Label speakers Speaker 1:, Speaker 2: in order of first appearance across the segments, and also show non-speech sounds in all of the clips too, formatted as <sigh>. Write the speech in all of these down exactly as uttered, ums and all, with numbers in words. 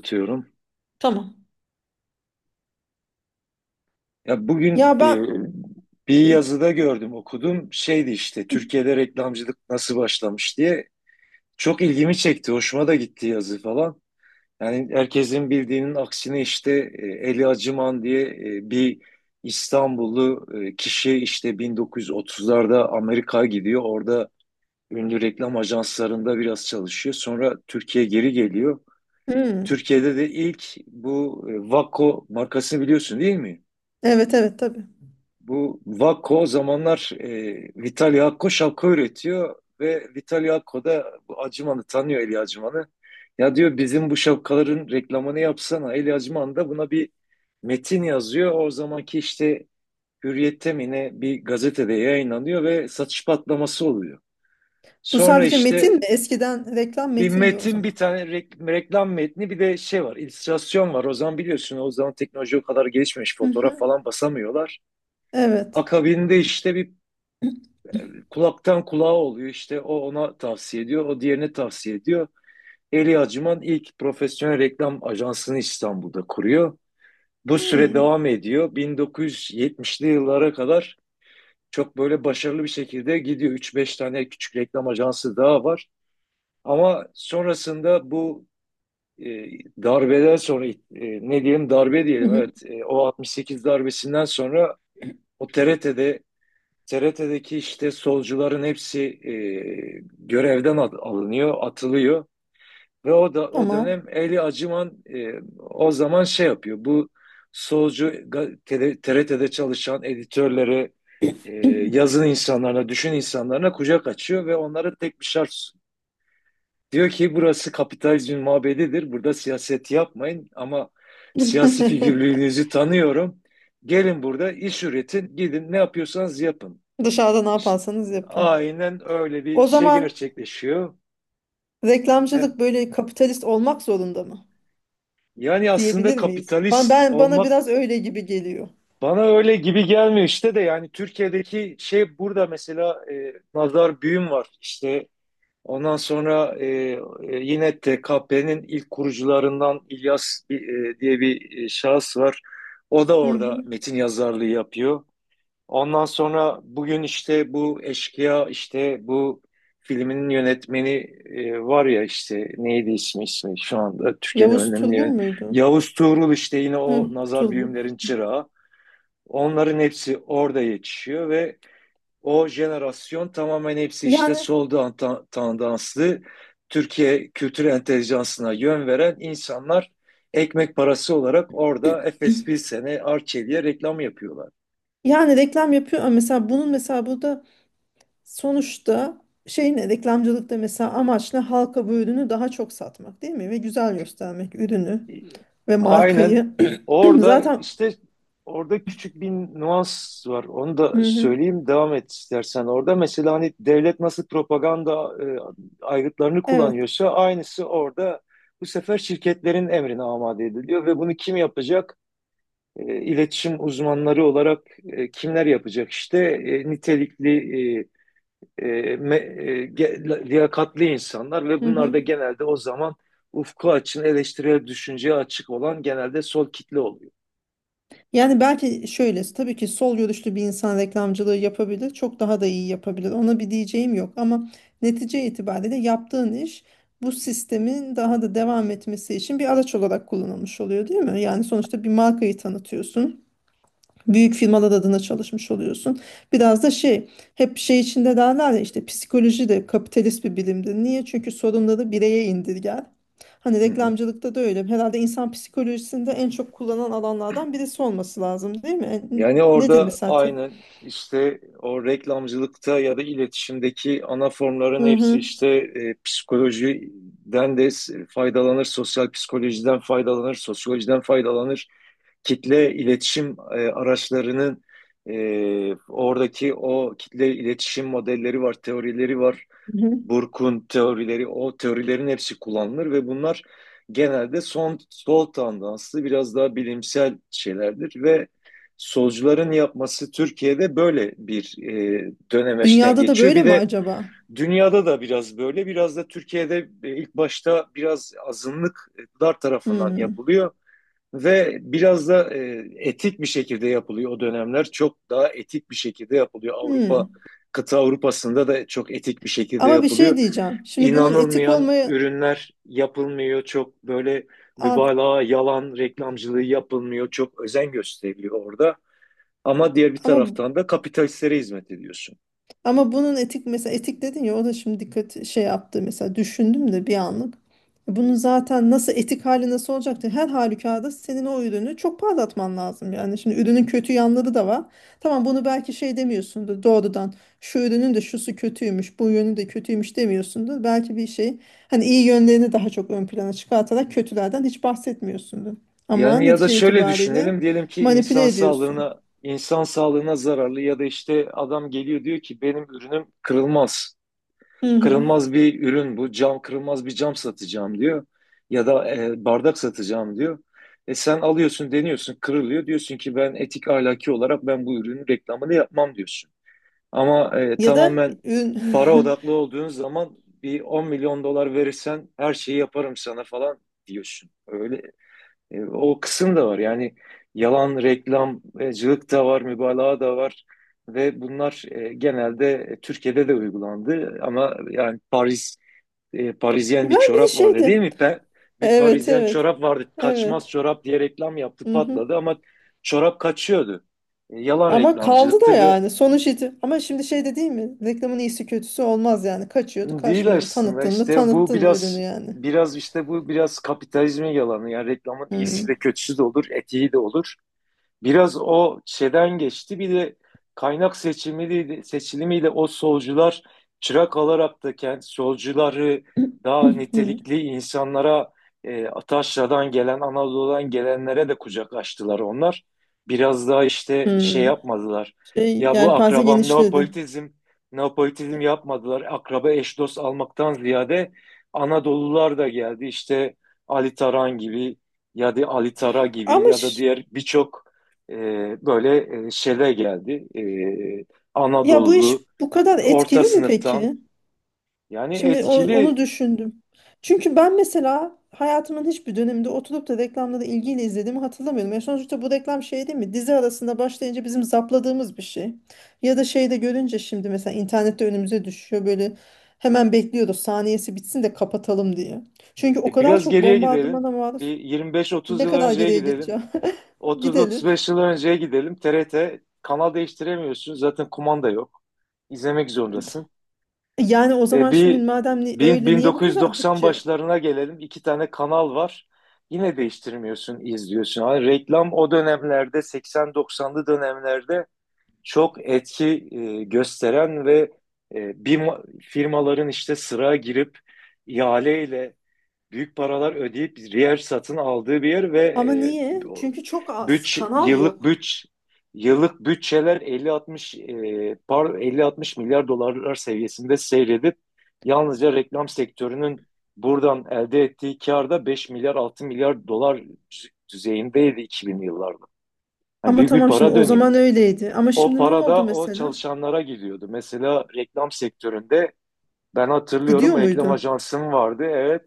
Speaker 1: Atıyorum.
Speaker 2: Tamam.
Speaker 1: Ya bugün
Speaker 2: Ya
Speaker 1: e,
Speaker 2: ben
Speaker 1: bir
Speaker 2: Hı,
Speaker 1: yazıda gördüm, okudum. Şeydi işte
Speaker 2: hı.
Speaker 1: Türkiye'de reklamcılık nasıl başlamış diye. Çok ilgimi çekti, hoşuma da gitti yazı falan. Yani herkesin bildiğinin aksine işte e, Eli Acıman diye e, bir İstanbullu e, kişi işte bin dokuz yüz otuzlarda Amerika'ya gidiyor. Orada ünlü reklam ajanslarında biraz çalışıyor. Sonra Türkiye'ye geri geliyor.
Speaker 2: Hmm.
Speaker 1: Türkiye'de de ilk bu e, Vakko markasını biliyorsun, değil mi?
Speaker 2: Evet evet tabii.
Speaker 1: Bu Vakko o zamanlar e, Vitali Hakko şapka üretiyor ve Vitali Hakko da bu Acıman'ı tanıyor, Eli Acıman'ı. Ya diyor, bizim bu şapkaların reklamını yapsana. Eli Acıman da buna bir metin yazıyor. O zamanki işte Hürriyet'te mi ne bir gazetede yayınlanıyor ve satış patlaması oluyor.
Speaker 2: Bu
Speaker 1: Sonra
Speaker 2: sadece metin
Speaker 1: işte
Speaker 2: mi? Eskiden reklam
Speaker 1: bir
Speaker 2: metindi o
Speaker 1: metin, bir
Speaker 2: zaman.
Speaker 1: tane rek- reklam metni, bir de şey var, illüstrasyon var. O zaman biliyorsun, o zaman teknoloji o kadar gelişmemiş,
Speaker 2: Hı
Speaker 1: fotoğraf
Speaker 2: hı.
Speaker 1: falan basamıyorlar.
Speaker 2: Evet.
Speaker 1: Akabinde işte bir kulaktan kulağa oluyor. İşte o ona tavsiye ediyor, o diğerine tavsiye ediyor. Eli Acıman ilk profesyonel reklam ajansını İstanbul'da kuruyor. Bu süre
Speaker 2: Hmm.
Speaker 1: devam ediyor. bin dokuz yüz yetmişli yıllara kadar çok böyle başarılı bir şekilde gidiyor. Üç beş tane küçük reklam ajansı daha var. Ama sonrasında bu e, darbeden sonra, e, ne diyelim, darbe
Speaker 2: Hı
Speaker 1: diyelim,
Speaker 2: hı.
Speaker 1: evet, e, o altmış sekiz darbesinden sonra o T R T'de T R T'deki işte solcuların hepsi e, görevden al- alınıyor, atılıyor ve o da o
Speaker 2: Tamam.
Speaker 1: dönem Eli Acıman e, o zaman şey yapıyor. Bu solcu ga- tele- T R T'de çalışan editörlere, e, yazın insanlarına, düşün insanlarına kucak açıyor ve onlara tek bir şart sunuyor. Diyor ki burası kapitalizmin mabedidir. Burada siyaset yapmayın ama siyasi
Speaker 2: <laughs>
Speaker 1: figürlüğünüzü tanıyorum. Gelin burada iş üretin, gidin ne yapıyorsanız yapın.
Speaker 2: Dışarıda ne
Speaker 1: İşte
Speaker 2: yaparsanız yapın.
Speaker 1: aynen öyle bir
Speaker 2: O
Speaker 1: şey
Speaker 2: zaman
Speaker 1: gerçekleşiyor. E,
Speaker 2: reklamcılık böyle kapitalist olmak zorunda mı
Speaker 1: Yani aslında
Speaker 2: diyebilir miyiz? Ben,
Speaker 1: kapitalist
Speaker 2: ben bana
Speaker 1: olmak
Speaker 2: biraz öyle gibi geliyor.
Speaker 1: bana öyle gibi gelmiyor işte, de yani Türkiye'deki şey, burada mesela e, Nazar Büyüm var işte, ondan sonra e, e, yine T K P'nin ilk kurucularından İlyas e, diye bir e, şahıs var. O da
Speaker 2: Hı
Speaker 1: orada
Speaker 2: hı.
Speaker 1: metin yazarlığı yapıyor. Ondan sonra bugün işte bu eşkıya işte bu filminin yönetmeni e, var ya, işte neydi ismi, ismi şu anda, Türkiye'nin
Speaker 2: Yavuz
Speaker 1: önemli
Speaker 2: Turgul
Speaker 1: yön,
Speaker 2: muydu?
Speaker 1: Yavuz Tuğrul işte, yine
Speaker 2: Hı,
Speaker 1: o nazar
Speaker 2: Turgul.
Speaker 1: büyümlerin çırağı. Onların hepsi orada yetişiyor ve o jenerasyon tamamen, hepsi işte
Speaker 2: Yani
Speaker 1: sol dan- tandanslı, Türkiye kültür entelijansına yön veren insanlar, ekmek parası olarak orada Efes, bir sene Arçelik'e reklam yapıyorlar.
Speaker 2: yani reklam yapıyor ama mesela bunun mesela burada. Sonuçta şeyin reklamcılıkta mesela amaç ne? Halka bu ürünü daha çok satmak değil mi? Ve güzel göstermek ürünü ve
Speaker 1: Aynen.
Speaker 2: markayı. <clears throat>
Speaker 1: orada
Speaker 2: Zaten.
Speaker 1: işte Orada küçük bir nuans var. Onu
Speaker 2: Hı
Speaker 1: da
Speaker 2: hı,
Speaker 1: söyleyeyim, devam et istersen. Orada mesela hani devlet nasıl propaganda e, aygıtlarını
Speaker 2: evet.
Speaker 1: kullanıyorsa, aynısı orada bu sefer şirketlerin emrine amade ediliyor ve bunu kim yapacak? E, iletişim uzmanları olarak e, kimler yapacak? İşte e, nitelikli, e, e, me- e, ge- liyakatli insanlar ve
Speaker 2: Hı
Speaker 1: bunlar
Speaker 2: hı.
Speaker 1: da genelde o zaman, ufku açın, eleştirel düşünceye açık olan, genelde sol kitle oluyor.
Speaker 2: Yani belki şöyle tabii ki sol görüşlü bir insan reklamcılığı yapabilir. Çok daha da iyi yapabilir. Ona bir diyeceğim yok ama netice itibariyle yaptığın iş bu sistemin daha da devam etmesi için bir araç olarak kullanılmış oluyor değil mi? Yani sonuçta bir markayı tanıtıyorsun. Büyük firmalar adına çalışmış oluyorsun. Biraz da şey, hep şey içinde derler ya işte psikoloji de kapitalist bir bilimdir. Niye? Çünkü sorunları bireye indirger. Hani
Speaker 1: Hı hı.
Speaker 2: reklamcılıkta da öyle. Herhalde insan psikolojisinde en çok kullanılan alanlardan birisi olması lazım, değil mi? E,
Speaker 1: Yani
Speaker 2: Nedir
Speaker 1: orada
Speaker 2: mesela? te-
Speaker 1: aynen işte o reklamcılıkta ya da iletişimdeki ana formların
Speaker 2: Hı
Speaker 1: hepsi
Speaker 2: hı.
Speaker 1: işte e, psikolojiden de s- faydalanır, sosyal psikolojiden faydalanır, sosyolojiden faydalanır. Kitle iletişim e, araçlarının, e, oradaki o kitle iletişim modelleri var, teorileri var.
Speaker 2: Hı hı.
Speaker 1: Burke'un teorileri, o teorilerin hepsi kullanılır ve bunlar genelde son sol tandanslı, biraz daha bilimsel şeylerdir ve solcuların yapması Türkiye'de böyle bir e, dönemeçten
Speaker 2: Dünyada da
Speaker 1: geçiyor.
Speaker 2: böyle
Speaker 1: Bir
Speaker 2: mi
Speaker 1: de
Speaker 2: acaba?
Speaker 1: dünyada da biraz böyle, biraz da Türkiye'de e, ilk başta biraz azınlıklar tarafından
Speaker 2: Hmm.
Speaker 1: yapılıyor. Ve biraz da e, etik bir şekilde yapılıyor o dönemler. Çok daha etik bir şekilde yapılıyor. Avrupa,
Speaker 2: Hmm.
Speaker 1: kıta Avrupa'sında da çok etik bir şekilde
Speaker 2: Ama bir şey
Speaker 1: yapılıyor.
Speaker 2: diyeceğim. Şimdi bunun etik
Speaker 1: İnanılmayan
Speaker 2: olmaya
Speaker 1: ürünler yapılmıyor. Çok böyle
Speaker 2: Ad-
Speaker 1: mübalağa, yalan reklamcılığı yapılmıyor. Çok özen gösteriliyor orada. Ama diğer bir
Speaker 2: ama
Speaker 1: taraftan da kapitalistlere hizmet ediyorsun.
Speaker 2: Ama bunun etik, mesela etik dedin ya, o da şimdi dikkat şey yaptı, mesela düşündüm de bir anlık. Bunun zaten nasıl etik hali nasıl olacaktı? Her halükarda senin o ürünü çok parlatman lazım. Yani şimdi ürünün kötü yanları da var. Tamam, bunu belki şey demiyorsundur doğrudan. Şu ürünün de şusu kötüymüş, bu yönü de kötüymüş demiyorsundur. Belki bir şey, hani iyi yönlerini daha çok ön plana çıkartarak kötülerden hiç bahsetmiyorsundur. Ama
Speaker 1: Yani ya da
Speaker 2: netice
Speaker 1: şöyle
Speaker 2: itibariyle
Speaker 1: düşünelim, diyelim ki
Speaker 2: manipüle
Speaker 1: insan
Speaker 2: ediyorsun.
Speaker 1: sağlığına insan sağlığına zararlı ya da işte adam geliyor, diyor ki benim ürünüm kırılmaz.
Speaker 2: Hı hı.
Speaker 1: Kırılmaz bir ürün bu. Cam, kırılmaz bir cam satacağım diyor. Ya da e, bardak satacağım diyor. E, sen alıyorsun, deniyorsun, kırılıyor. Diyorsun ki ben etik, ahlaki olarak ben bu ürünün reklamını yapmam diyorsun. Ama e,
Speaker 2: Ya da
Speaker 1: tamamen para
Speaker 2: ürün.
Speaker 1: odaklı
Speaker 2: <laughs>
Speaker 1: olduğun zaman, bir on milyon dolar verirsen her şeyi yaparım sana falan diyorsun. Öyle e, o kısım da var. Yani yalan reklamcılık da var, mübalağa da var. Ve bunlar e, genelde e, Türkiye'de de uygulandı. Ama yani Paris, e, Parisyen bir
Speaker 2: Ben bir de
Speaker 1: çorap vardı, değil
Speaker 2: şeydi.
Speaker 1: mi? Pe- bir
Speaker 2: Evet
Speaker 1: Parisyen
Speaker 2: evet.
Speaker 1: çorap vardı.
Speaker 2: Evet.
Speaker 1: Kaçmaz çorap diye reklam yaptı,
Speaker 2: Mhm.
Speaker 1: patladı ama çorap kaçıyordu. E, yalan
Speaker 2: Ama kaldı da
Speaker 1: reklamcılıktı ve
Speaker 2: yani sonuç iti. Ama şimdi şey de değil mi? Reklamın iyisi kötüsü olmaz yani. Kaçıyordu,
Speaker 1: değil
Speaker 2: kaçmıyordu.
Speaker 1: aslında
Speaker 2: Tanıttın mı?
Speaker 1: işte, bu
Speaker 2: Tanıttın ürünü
Speaker 1: biraz
Speaker 2: yani.
Speaker 1: biraz işte bu biraz kapitalizmin yalanı. Yani reklamın iyisi de
Speaker 2: Hmm.
Speaker 1: kötüsü de olur, etiği de olur. Biraz o şeyden geçti. Bir de kaynak seçimiyle, seçilimiyle o solcular, çırak alarak da kendi solcuları, daha
Speaker 2: <clears throat> Hmm.
Speaker 1: nitelikli insanlara, e, Ataşra'dan gelen, Anadolu'dan gelenlere de kucak açtılar onlar. Biraz daha işte şey
Speaker 2: Hmm.
Speaker 1: yapmadılar.
Speaker 2: Şey,
Speaker 1: Ya bu
Speaker 2: yelpaze
Speaker 1: akrabam
Speaker 2: genişledi.
Speaker 1: neopolitizm, neopolitizm yapmadılar. Akraba, eş dost almaktan ziyade Anadolular da geldi. İşte Ali Taran gibi ya da Ali Tara gibi
Speaker 2: Ama
Speaker 1: ya da
Speaker 2: ş-
Speaker 1: diğer birçok e, böyle e, şele geldi. E,
Speaker 2: ya bu iş
Speaker 1: Anadolu
Speaker 2: bu kadar
Speaker 1: orta
Speaker 2: etkili mi
Speaker 1: sınıftan,
Speaker 2: peki?
Speaker 1: yani
Speaker 2: Şimdi o- onu
Speaker 1: etkili.
Speaker 2: düşündüm. Çünkü ben mesela hayatımın hiçbir döneminde oturup da reklamları ilgiyle izlediğimi hatırlamıyorum. Yani sonuçta bu reklam şey değil mi? Dizi arasında başlayınca bizim zapladığımız bir şey. Ya da şeyde görünce şimdi mesela internette önümüze düşüyor böyle, hemen bekliyoruz saniyesi bitsin de kapatalım diye. Çünkü o
Speaker 1: E,
Speaker 2: kadar
Speaker 1: biraz
Speaker 2: çok
Speaker 1: geriye gidelim.
Speaker 2: bombardımana
Speaker 1: Bir
Speaker 2: maruz.
Speaker 1: yirmi beş otuz
Speaker 2: Ne
Speaker 1: yıl
Speaker 2: kadar
Speaker 1: önceye
Speaker 2: geriye
Speaker 1: gidelim.
Speaker 2: gideceğim? <laughs> Gidelim.
Speaker 1: otuz otuz beş yıl önceye gidelim. T R T, kanal değiştiremiyorsun. Zaten kumanda yok. İzlemek zorundasın.
Speaker 2: Yani o
Speaker 1: E,
Speaker 2: zaman şimdi
Speaker 1: bir
Speaker 2: madem ni-
Speaker 1: bin-
Speaker 2: öyle niye bu kadar
Speaker 1: 1990
Speaker 2: bütçe?
Speaker 1: başlarına gelelim. İki tane kanal var. Yine değiştirmiyorsun, izliyorsun. Hani reklam o dönemlerde, seksen doksanlı dönemlerde çok etki e, gösteren ve e, bir ma- firmaların işte sıraya girip ihaleyle büyük paralar ödeyip yer satın aldığı bir yer ve
Speaker 2: Ama
Speaker 1: e,
Speaker 2: niye?
Speaker 1: bu-
Speaker 2: Çünkü çok az
Speaker 1: bütç
Speaker 2: kanal
Speaker 1: yıllık
Speaker 2: yok.
Speaker 1: bütç yıllık bütçeler elli altmış, e, par elli altmış milyar dolarlar seviyesinde seyredip, yalnızca reklam sektörünün buradan elde ettiği kar da beş milyar, altı milyar dolar düzeyindeydi iki binli yıllarda. Yani
Speaker 2: Ama
Speaker 1: büyük bir
Speaker 2: tamam şimdi
Speaker 1: para
Speaker 2: o
Speaker 1: dönüyor.
Speaker 2: zaman öyleydi. Ama
Speaker 1: O
Speaker 2: şimdi ne
Speaker 1: para
Speaker 2: oldu
Speaker 1: da o
Speaker 2: mesela?
Speaker 1: çalışanlara gidiyordu. Mesela reklam sektöründe, ben hatırlıyorum,
Speaker 2: Gidiyor
Speaker 1: reklam
Speaker 2: muydu?
Speaker 1: ajansım vardı. Evet,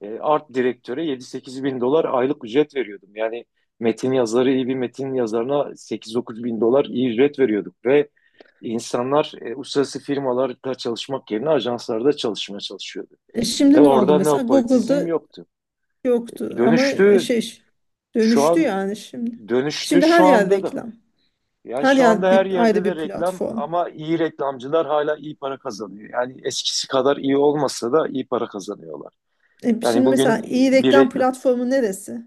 Speaker 1: e, art direktöre yedi sekiz bin dolar aylık ücret veriyordum. Yani metin yazarı, iyi bir metin yazarına sekiz dokuz bin dolar iyi ücret veriyorduk. Ve insanlar e, uluslararası firmalarda çalışmak yerine ajanslarda çalışmaya çalışıyordu.
Speaker 2: E
Speaker 1: Ve
Speaker 2: şimdi ne oldu
Speaker 1: orada
Speaker 2: mesela?
Speaker 1: neopolitizm
Speaker 2: Google'da
Speaker 1: yoktu.
Speaker 2: yoktu ama e,
Speaker 1: Dönüştü
Speaker 2: şey
Speaker 1: şu
Speaker 2: dönüştü
Speaker 1: an
Speaker 2: yani şimdi.
Speaker 1: Dönüştü
Speaker 2: Şimdi
Speaker 1: şu
Speaker 2: her yer
Speaker 1: anda da.
Speaker 2: reklam.
Speaker 1: Yani
Speaker 2: Her
Speaker 1: şu anda
Speaker 2: yer
Speaker 1: her
Speaker 2: bir,
Speaker 1: yerde
Speaker 2: ayrı
Speaker 1: de
Speaker 2: bir
Speaker 1: reklam
Speaker 2: platform.
Speaker 1: ama iyi reklamcılar hala iyi para kazanıyor. Yani eskisi kadar iyi olmasa da iyi para kazanıyorlar.
Speaker 2: E
Speaker 1: Yani
Speaker 2: şimdi
Speaker 1: bugün
Speaker 2: mesela iyi
Speaker 1: bir
Speaker 2: reklam
Speaker 1: reklam.
Speaker 2: platformu neresi?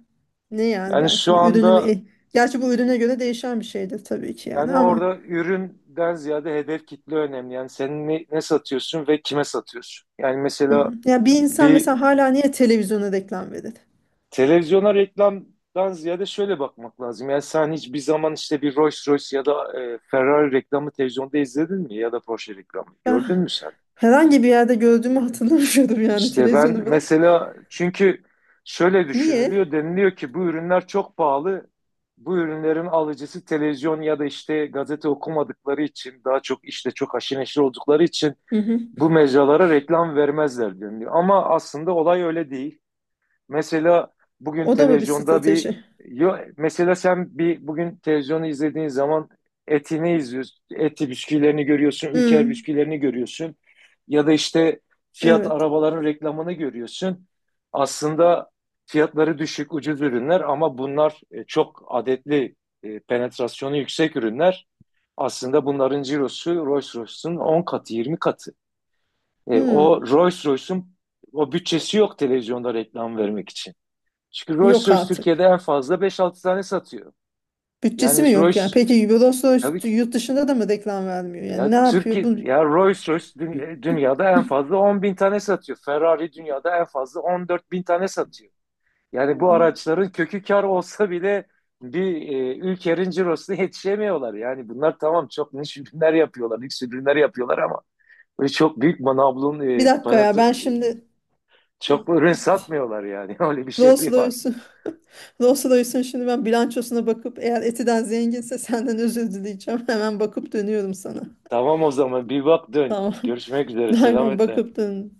Speaker 2: Ne yani
Speaker 1: Yani
Speaker 2: ben
Speaker 1: şu
Speaker 2: şimdi ürünümü...
Speaker 1: anda,
Speaker 2: e, Gerçi bu ürüne göre değişen bir şeydir tabii ki yani
Speaker 1: yani
Speaker 2: ama...
Speaker 1: orada üründen ziyade hedef kitle önemli. Yani sen ne, ne satıyorsun ve kime satıyorsun? Yani mesela
Speaker 2: Hmm. Ya bir insan
Speaker 1: bir
Speaker 2: mesela hala niye televizyona reklam verir?
Speaker 1: televizyona reklamdan ziyade şöyle bakmak lazım. Yani sen hiçbir zaman işte bir Rolls Royce ya da e, Ferrari reklamı televizyonda izledin mi? Ya da Porsche reklamı
Speaker 2: Ben
Speaker 1: gördün mü sen?
Speaker 2: herhangi bir yerde gördüğümü hatırlamıyorum yani
Speaker 1: İşte ben
Speaker 2: televizyonu bırak.
Speaker 1: mesela, çünkü şöyle
Speaker 2: Niye?
Speaker 1: düşünülüyor, deniliyor ki bu ürünler çok pahalı. Bu ürünlerin alıcısı televizyon ya da işte gazete okumadıkları için, daha çok işte çok haşir neşir oldukları için
Speaker 2: Hı hı.
Speaker 1: bu mecralara reklam vermezler deniliyor. Ama aslında olay öyle değil. Mesela bugün
Speaker 2: O da mı bir
Speaker 1: televizyonda bir,
Speaker 2: strateji?
Speaker 1: yo, mesela sen bir bugün televizyonu izlediğin zaman etini izliyorsun. Eti bisküvilerini görüyorsun, Ülker
Speaker 2: Hı,
Speaker 1: bisküvilerini görüyorsun. Ya da işte Fiat
Speaker 2: evet.
Speaker 1: arabaların reklamını görüyorsun. Aslında fiyatları düşük, ucuz ürünler ama bunlar e, çok adetli, e, penetrasyonu yüksek ürünler. Aslında bunların cirosu Rolls-Royce'un on katı, yirmi katı. E,
Speaker 2: Hı,
Speaker 1: o Rolls-Royce'un o bütçesi yok televizyonda reklam vermek için. Çünkü Rolls
Speaker 2: yok
Speaker 1: Royce Türkiye'de
Speaker 2: artık.
Speaker 1: en fazla beş altı tane satıyor.
Speaker 2: Bütçesi mi
Speaker 1: Yani
Speaker 2: yok yani?
Speaker 1: Rolls,
Speaker 2: Peki
Speaker 1: tabii
Speaker 2: Eurosource
Speaker 1: ki,
Speaker 2: yurt dışında da mı reklam vermiyor? Yani ne
Speaker 1: ya
Speaker 2: yapıyor
Speaker 1: Türkiye
Speaker 2: bu?
Speaker 1: ya Rolls Royce, dü- dünyada en fazla on bin tane satıyor. Ferrari dünyada en fazla on dört bin tane satıyor. Yani bu araçların kökü kar olsa bile bir e, ülkenin cirosuna yetişemiyorlar. Yani bunlar tamam, çok niş ürünler yapıyorlar, lüks ürünler yapıyorlar ama böyle çok büyük manablon,
Speaker 2: Bir
Speaker 1: e,
Speaker 2: dakika ya
Speaker 1: panatı,
Speaker 2: ben şimdi
Speaker 1: çok ürün satmıyorlar yani. <laughs> Öyle bir
Speaker 2: Rolls
Speaker 1: şeyleri var.
Speaker 2: Royce'un <laughs> Rolls Royce'un şimdi ben bilançosuna bakıp eğer Eti'den zenginse senden özür dileyeceğim. <laughs> Hemen bakıp dönüyorum sana.
Speaker 1: Tamam, o zaman bir bak dön.
Speaker 2: Tamam.
Speaker 1: Görüşmek üzere.
Speaker 2: <laughs> Aynen
Speaker 1: Selametle.
Speaker 2: bakıp dön.